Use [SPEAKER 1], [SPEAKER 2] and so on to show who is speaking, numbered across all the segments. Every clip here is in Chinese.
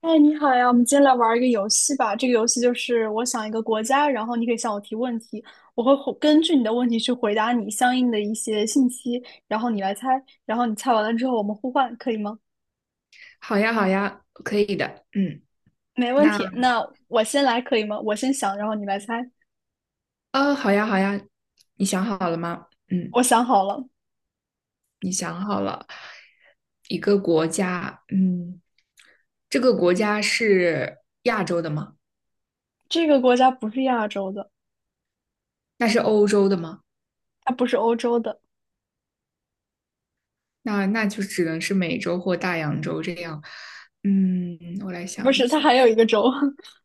[SPEAKER 1] 哎，你好呀，我们今天来玩一个游戏吧。这个游戏就是我想一个国家，然后你可以向我提问题，我会回根据你的问题去回答你相应的一些信息，然后你来猜，然后你猜完了之后我们互换，可以吗？
[SPEAKER 2] 好呀，好呀，可以的。嗯，
[SPEAKER 1] 没问
[SPEAKER 2] 那
[SPEAKER 1] 题。那我先来可以吗？我先想，然后你来猜。
[SPEAKER 2] 好呀，好呀，你想好了吗？嗯，
[SPEAKER 1] 我想好了，
[SPEAKER 2] 你想好了，一个国家，嗯，这个国家是亚洲的吗？
[SPEAKER 1] 这个国家不是亚洲的，
[SPEAKER 2] 那是欧洲的吗？
[SPEAKER 1] 它不是欧洲的，
[SPEAKER 2] 那就只能是美洲或大洋洲这样。嗯，我来
[SPEAKER 1] 不
[SPEAKER 2] 想一
[SPEAKER 1] 是，它
[SPEAKER 2] 下。
[SPEAKER 1] 还有一个洲。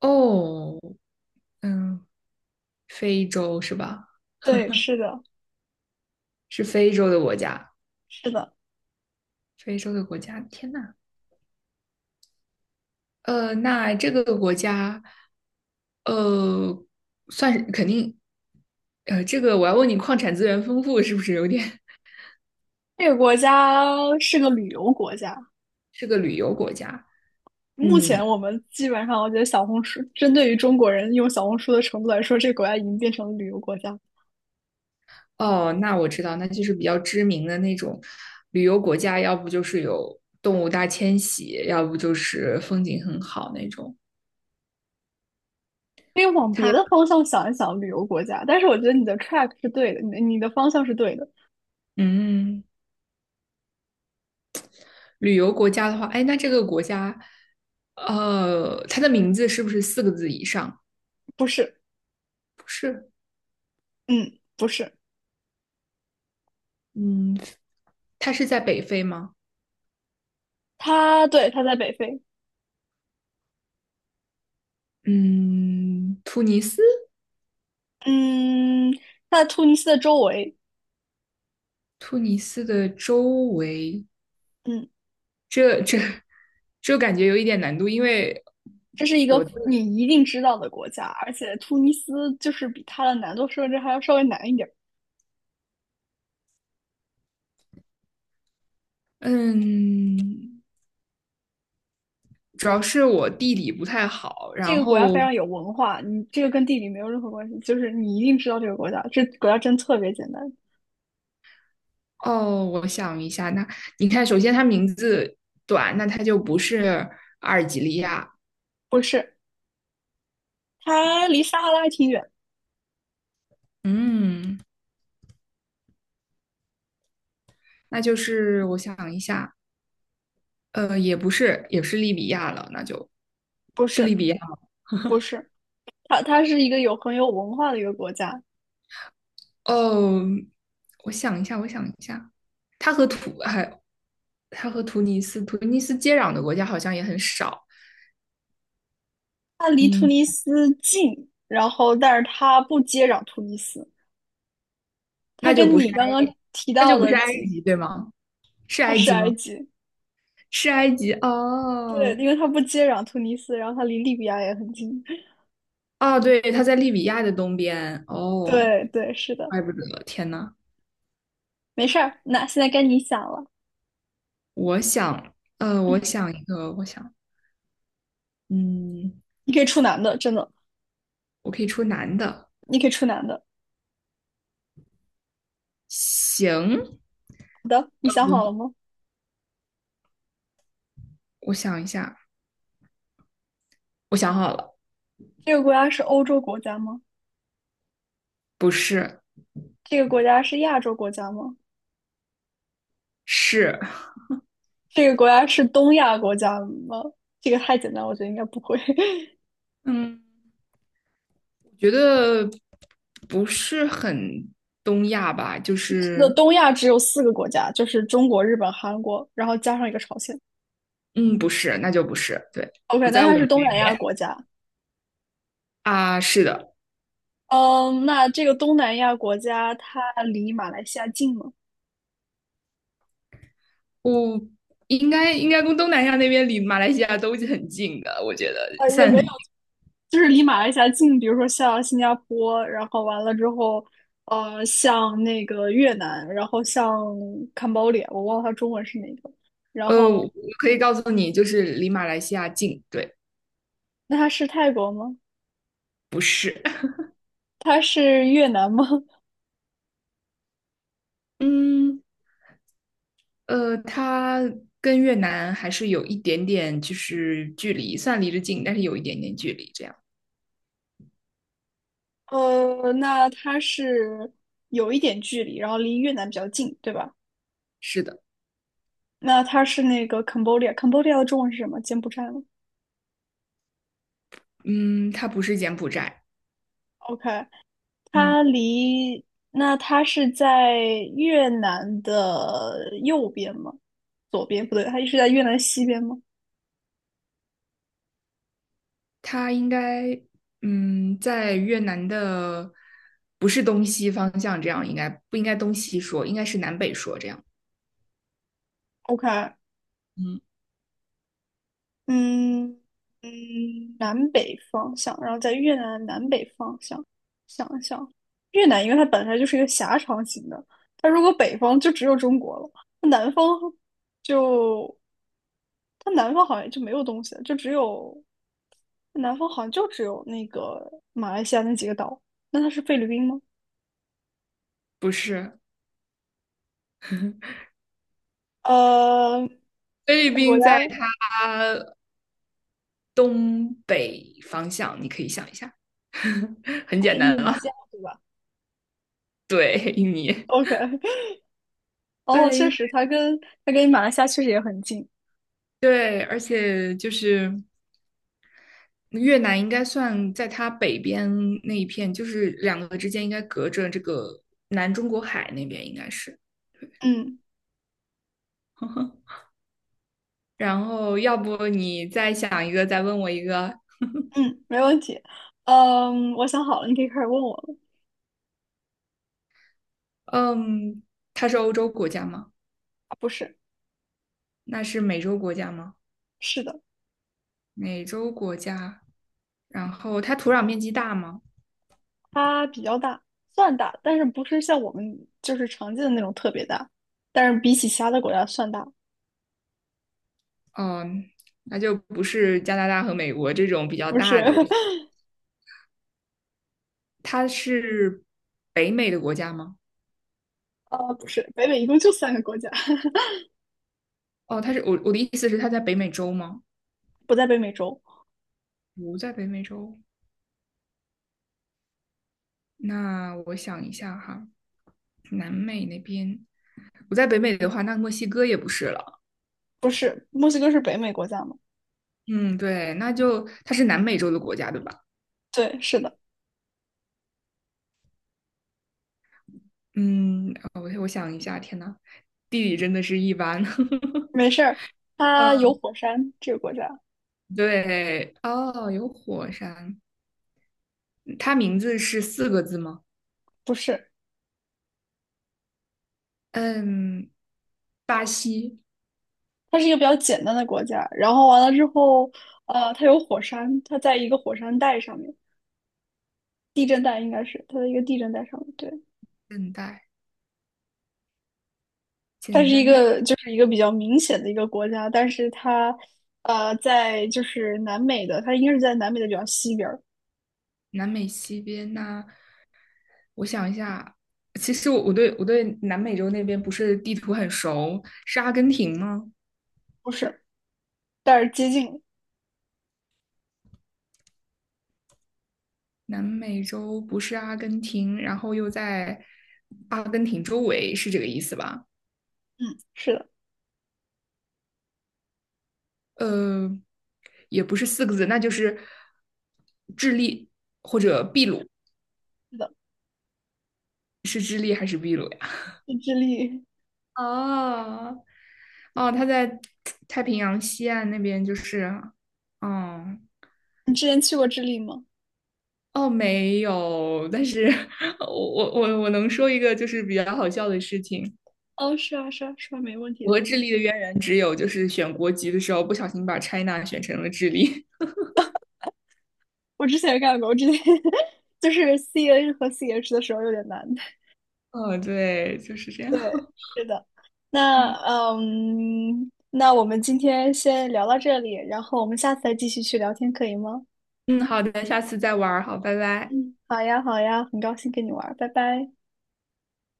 [SPEAKER 2] 哦，嗯，非洲是吧？
[SPEAKER 1] 对，是的，
[SPEAKER 2] 是非洲的国家，
[SPEAKER 1] 是的，
[SPEAKER 2] 非洲的国家。天呐，那这个国家呃，算是肯定，这个我要问你，矿产资源丰富是不是有点
[SPEAKER 1] 这个国家是个旅游国家。
[SPEAKER 2] 是个旅游国家？
[SPEAKER 1] 目前
[SPEAKER 2] 嗯，
[SPEAKER 1] 我们基本上，我觉得小红书针对于中国人用小红书的程度来说，这个国家已经变成了旅游国家。
[SPEAKER 2] 哦，那我知道，那就是比较知名的那种旅游国家，要不就是有动物大迁徙，要不就是风景很好那种。
[SPEAKER 1] 可以往别
[SPEAKER 2] 它，
[SPEAKER 1] 的方向想一想，旅游国家。但是我觉得你的 track 是对的，你的方向是对的，
[SPEAKER 2] 嗯，旅游国家的话，哎，那这个国家，它的名字是不是四个字以上？
[SPEAKER 1] 不是，
[SPEAKER 2] 不是，
[SPEAKER 1] 嗯，不是。
[SPEAKER 2] 嗯，它是在北非吗？
[SPEAKER 1] 它对，它在北非，
[SPEAKER 2] 嗯，突尼斯。
[SPEAKER 1] 嗯，它在突尼斯的周围，
[SPEAKER 2] 突尼斯的周围，
[SPEAKER 1] 嗯，
[SPEAKER 2] 这这感觉有一点难度，因为
[SPEAKER 1] 这是一个你一定知道的国家，而且突尼斯就是比它的难度设置还要稍微难一点。
[SPEAKER 2] 嗯，主要是我地理不太好。
[SPEAKER 1] 这
[SPEAKER 2] 然
[SPEAKER 1] 个国家非
[SPEAKER 2] 后
[SPEAKER 1] 常有文化，你这个跟地理没有任何关系，就是你一定知道这个国家，这国家真特别简单。
[SPEAKER 2] 哦，我想一下，那你看，首先它名字短，那它就不是阿尔及利亚，
[SPEAKER 1] 不是，它离撒哈拉挺远，
[SPEAKER 2] 嗯，那就是我想一下，也不是，也是利比亚了，那就
[SPEAKER 1] 不
[SPEAKER 2] 是利
[SPEAKER 1] 是，
[SPEAKER 2] 比亚吗。
[SPEAKER 1] 不是，它是一个有很有文化的一个国家，
[SPEAKER 2] 哦，我想一下，我想一下，它和土还它和突尼斯，突尼斯接壤的国家好像也很少。
[SPEAKER 1] 它离突
[SPEAKER 2] 嗯，
[SPEAKER 1] 尼斯近，然后但是它不接壤突尼斯，它
[SPEAKER 2] 那就
[SPEAKER 1] 跟
[SPEAKER 2] 不是
[SPEAKER 1] 你刚
[SPEAKER 2] 埃，
[SPEAKER 1] 刚提
[SPEAKER 2] 那
[SPEAKER 1] 到
[SPEAKER 2] 就不
[SPEAKER 1] 的
[SPEAKER 2] 是埃
[SPEAKER 1] 几，
[SPEAKER 2] 及，对吗？是
[SPEAKER 1] 它
[SPEAKER 2] 埃
[SPEAKER 1] 是
[SPEAKER 2] 及
[SPEAKER 1] 埃
[SPEAKER 2] 吗？
[SPEAKER 1] 及，
[SPEAKER 2] 是埃及
[SPEAKER 1] 对，
[SPEAKER 2] 哦
[SPEAKER 1] 因为它不接壤突尼斯，然后它离利比亚也很近，
[SPEAKER 2] 哦，对，它在利比亚的东边哦，
[SPEAKER 1] 对对，是的，
[SPEAKER 2] 怪不得，天呐，
[SPEAKER 1] 没事儿，那现在该你想了，嗯，
[SPEAKER 2] 我想，嗯，
[SPEAKER 1] 你可以出男的，真的，
[SPEAKER 2] 我可以出男的，
[SPEAKER 1] 你可以出男的。
[SPEAKER 2] 行，
[SPEAKER 1] 好的，你想好了吗？
[SPEAKER 2] 我想一下，我想好了，
[SPEAKER 1] 这个国家是欧洲国家吗？
[SPEAKER 2] 不是，
[SPEAKER 1] 这个国家是亚洲国家吗？
[SPEAKER 2] 是，
[SPEAKER 1] 这个国家是东亚国家吗？这个太简单，我觉得应该不会。
[SPEAKER 2] 嗯，我觉得不是很东亚吧，就
[SPEAKER 1] 那
[SPEAKER 2] 是
[SPEAKER 1] 东亚只有四个国家，就是中国、日本、韩国，然后加上一个朝鲜。
[SPEAKER 2] 嗯，不是，那就不是，对，
[SPEAKER 1] OK，
[SPEAKER 2] 不
[SPEAKER 1] 那
[SPEAKER 2] 在我
[SPEAKER 1] 它
[SPEAKER 2] 们
[SPEAKER 1] 是东
[SPEAKER 2] 那
[SPEAKER 1] 南亚
[SPEAKER 2] 边
[SPEAKER 1] 国家。
[SPEAKER 2] 啊。是的，
[SPEAKER 1] 嗯，那这个东南亚国家它离马来西亚近吗？
[SPEAKER 2] 我应该跟东南亚那边离马来西亚都是很近的，我觉得
[SPEAKER 1] 啊，也
[SPEAKER 2] 算
[SPEAKER 1] 没
[SPEAKER 2] 很近
[SPEAKER 1] 就是离马来西亚近，比如说像新加坡，然后完了之后，像那个越南，然后像 Cambodia，我忘了它中文是哪个。然后，
[SPEAKER 2] 我可以告诉你，就是离马来西亚近。对，
[SPEAKER 1] 那它是泰国吗？它是越南吗？
[SPEAKER 2] 嗯，它跟越南还是有一点点就是距离，算离着近，但是有一点点距离。这样，
[SPEAKER 1] 那它是有一点距离，然后离越南比较近，对吧？
[SPEAKER 2] 是的，
[SPEAKER 1] 那它是那个 Cambodia，Cambodia 的中文是什么？柬埔寨吗
[SPEAKER 2] 嗯，它不是柬埔寨，
[SPEAKER 1] ？OK，
[SPEAKER 2] 嗯。
[SPEAKER 1] 它离，那它是在越南的右边吗？左边不对，它是在越南西边吗
[SPEAKER 2] 它应该嗯，在越南的不是东西方向，这样应该不应该东西说，应该是南北说这样。
[SPEAKER 1] ？OK，
[SPEAKER 2] 嗯，
[SPEAKER 1] 嗯嗯，南北方向，然后在越南的南北方向，想一想，越南因为它本来就是一个狭长型的，它如果北方就只有中国了，那南方就它南方好像就没有东西了，就只有南方好像就只有那个马来西亚那几个岛，那它是菲律宾吗？
[SPEAKER 2] 不是，
[SPEAKER 1] 呃，
[SPEAKER 2] 菲律
[SPEAKER 1] 这个国
[SPEAKER 2] 宾
[SPEAKER 1] 家
[SPEAKER 2] 在它东北方向，你可以想一下，很
[SPEAKER 1] 它是
[SPEAKER 2] 简
[SPEAKER 1] 印
[SPEAKER 2] 单
[SPEAKER 1] 度
[SPEAKER 2] 了。
[SPEAKER 1] 尼西亚，对吧
[SPEAKER 2] 对，印尼，
[SPEAKER 1] ？OK，哦，
[SPEAKER 2] 对，因
[SPEAKER 1] 确
[SPEAKER 2] 为
[SPEAKER 1] 实，它跟马来西亚确实也很近。
[SPEAKER 2] 对，而且就是越南应该算在它北边那一片，就是两个之间应该隔着这个南中国海那边，应该是。
[SPEAKER 1] 嗯
[SPEAKER 2] 然后要不你再想一个，再问我一个。
[SPEAKER 1] 嗯，没问题。嗯，我想好了，你可以开始问我了。
[SPEAKER 2] 嗯，它是欧洲国家吗？
[SPEAKER 1] 啊不是，
[SPEAKER 2] 那是美洲国家吗？
[SPEAKER 1] 是的，
[SPEAKER 2] 美洲国家。然后它土壤面积大吗？
[SPEAKER 1] 它比较大，算大，但是不是像我们就是常见的那种特别大，但是比起其他的国家算大。
[SPEAKER 2] 嗯，那就不是加拿大和美国这种比较
[SPEAKER 1] 不是，
[SPEAKER 2] 大的。我它是北美的国家吗？
[SPEAKER 1] 不是，北美一共就三个国家，
[SPEAKER 2] 哦，它是我的意思是它在北美洲吗？
[SPEAKER 1] 不在北美洲。
[SPEAKER 2] 不在北美洲。那我想一下哈，南美那边不在北美的话，那墨西哥也不是了。
[SPEAKER 1] 不是，墨西哥是北美国家吗？
[SPEAKER 2] 嗯，对，那就它是南美洲的国家，对吧？
[SPEAKER 1] 对，是的，
[SPEAKER 2] 嗯，我想一下，天呐，地理真的是一般。
[SPEAKER 1] 没事儿。它
[SPEAKER 2] 嗯，
[SPEAKER 1] 有火山，这个国家。
[SPEAKER 2] 对，哦，有火山，它名字是四个字吗？
[SPEAKER 1] 不是，
[SPEAKER 2] 嗯，巴西，
[SPEAKER 1] 它是一个比较简单的国家。然后完了之后，它有火山，它在一个火山带上面，地震带应该是它的一个地震带上面。对，
[SPEAKER 2] 现带，
[SPEAKER 1] 它是
[SPEAKER 2] 简
[SPEAKER 1] 一
[SPEAKER 2] 单的
[SPEAKER 1] 个就是一个比较明显的一个国家，但是它在就是南美的，它应该是在南美的比较西边儿，
[SPEAKER 2] 南美西边呐、我想一下，其实我对南美洲那边不是地图很熟，是阿根廷吗？
[SPEAKER 1] 不是，但是接近
[SPEAKER 2] 南美洲不是阿根廷，然后又在阿根廷周围，是这个意思吧？
[SPEAKER 1] 嗯，是的，
[SPEAKER 2] 呃，也不是四个字，那就是智利或者秘鲁，
[SPEAKER 1] 是的，
[SPEAKER 2] 是智利还是秘鲁呀？
[SPEAKER 1] 是智利。
[SPEAKER 2] 哦，哦，他在太平洋西岸那边，就是，嗯，
[SPEAKER 1] 你之前去过智利吗？
[SPEAKER 2] 哦，没有，但是 我能说一个就是比较好笑的事情，
[SPEAKER 1] 哦，是啊，是啊，是啊，没问
[SPEAKER 2] 我
[SPEAKER 1] 题。
[SPEAKER 2] 和智利的渊源只有就是选国籍的时候不小心把 China 选成了智利。
[SPEAKER 1] 我之前也干过，我之前 就是 CN 和 CH 的时候有点难。
[SPEAKER 2] 哦，对，就是这样。
[SPEAKER 1] 对，是的。那
[SPEAKER 2] 嗯
[SPEAKER 1] 嗯，那我们今天先聊到这里，然后我们下次再继续去聊天，可以吗？
[SPEAKER 2] 嗯，好的，下次再玩儿，好，拜拜。
[SPEAKER 1] 嗯，好呀，好呀，很高兴跟你玩儿，拜拜。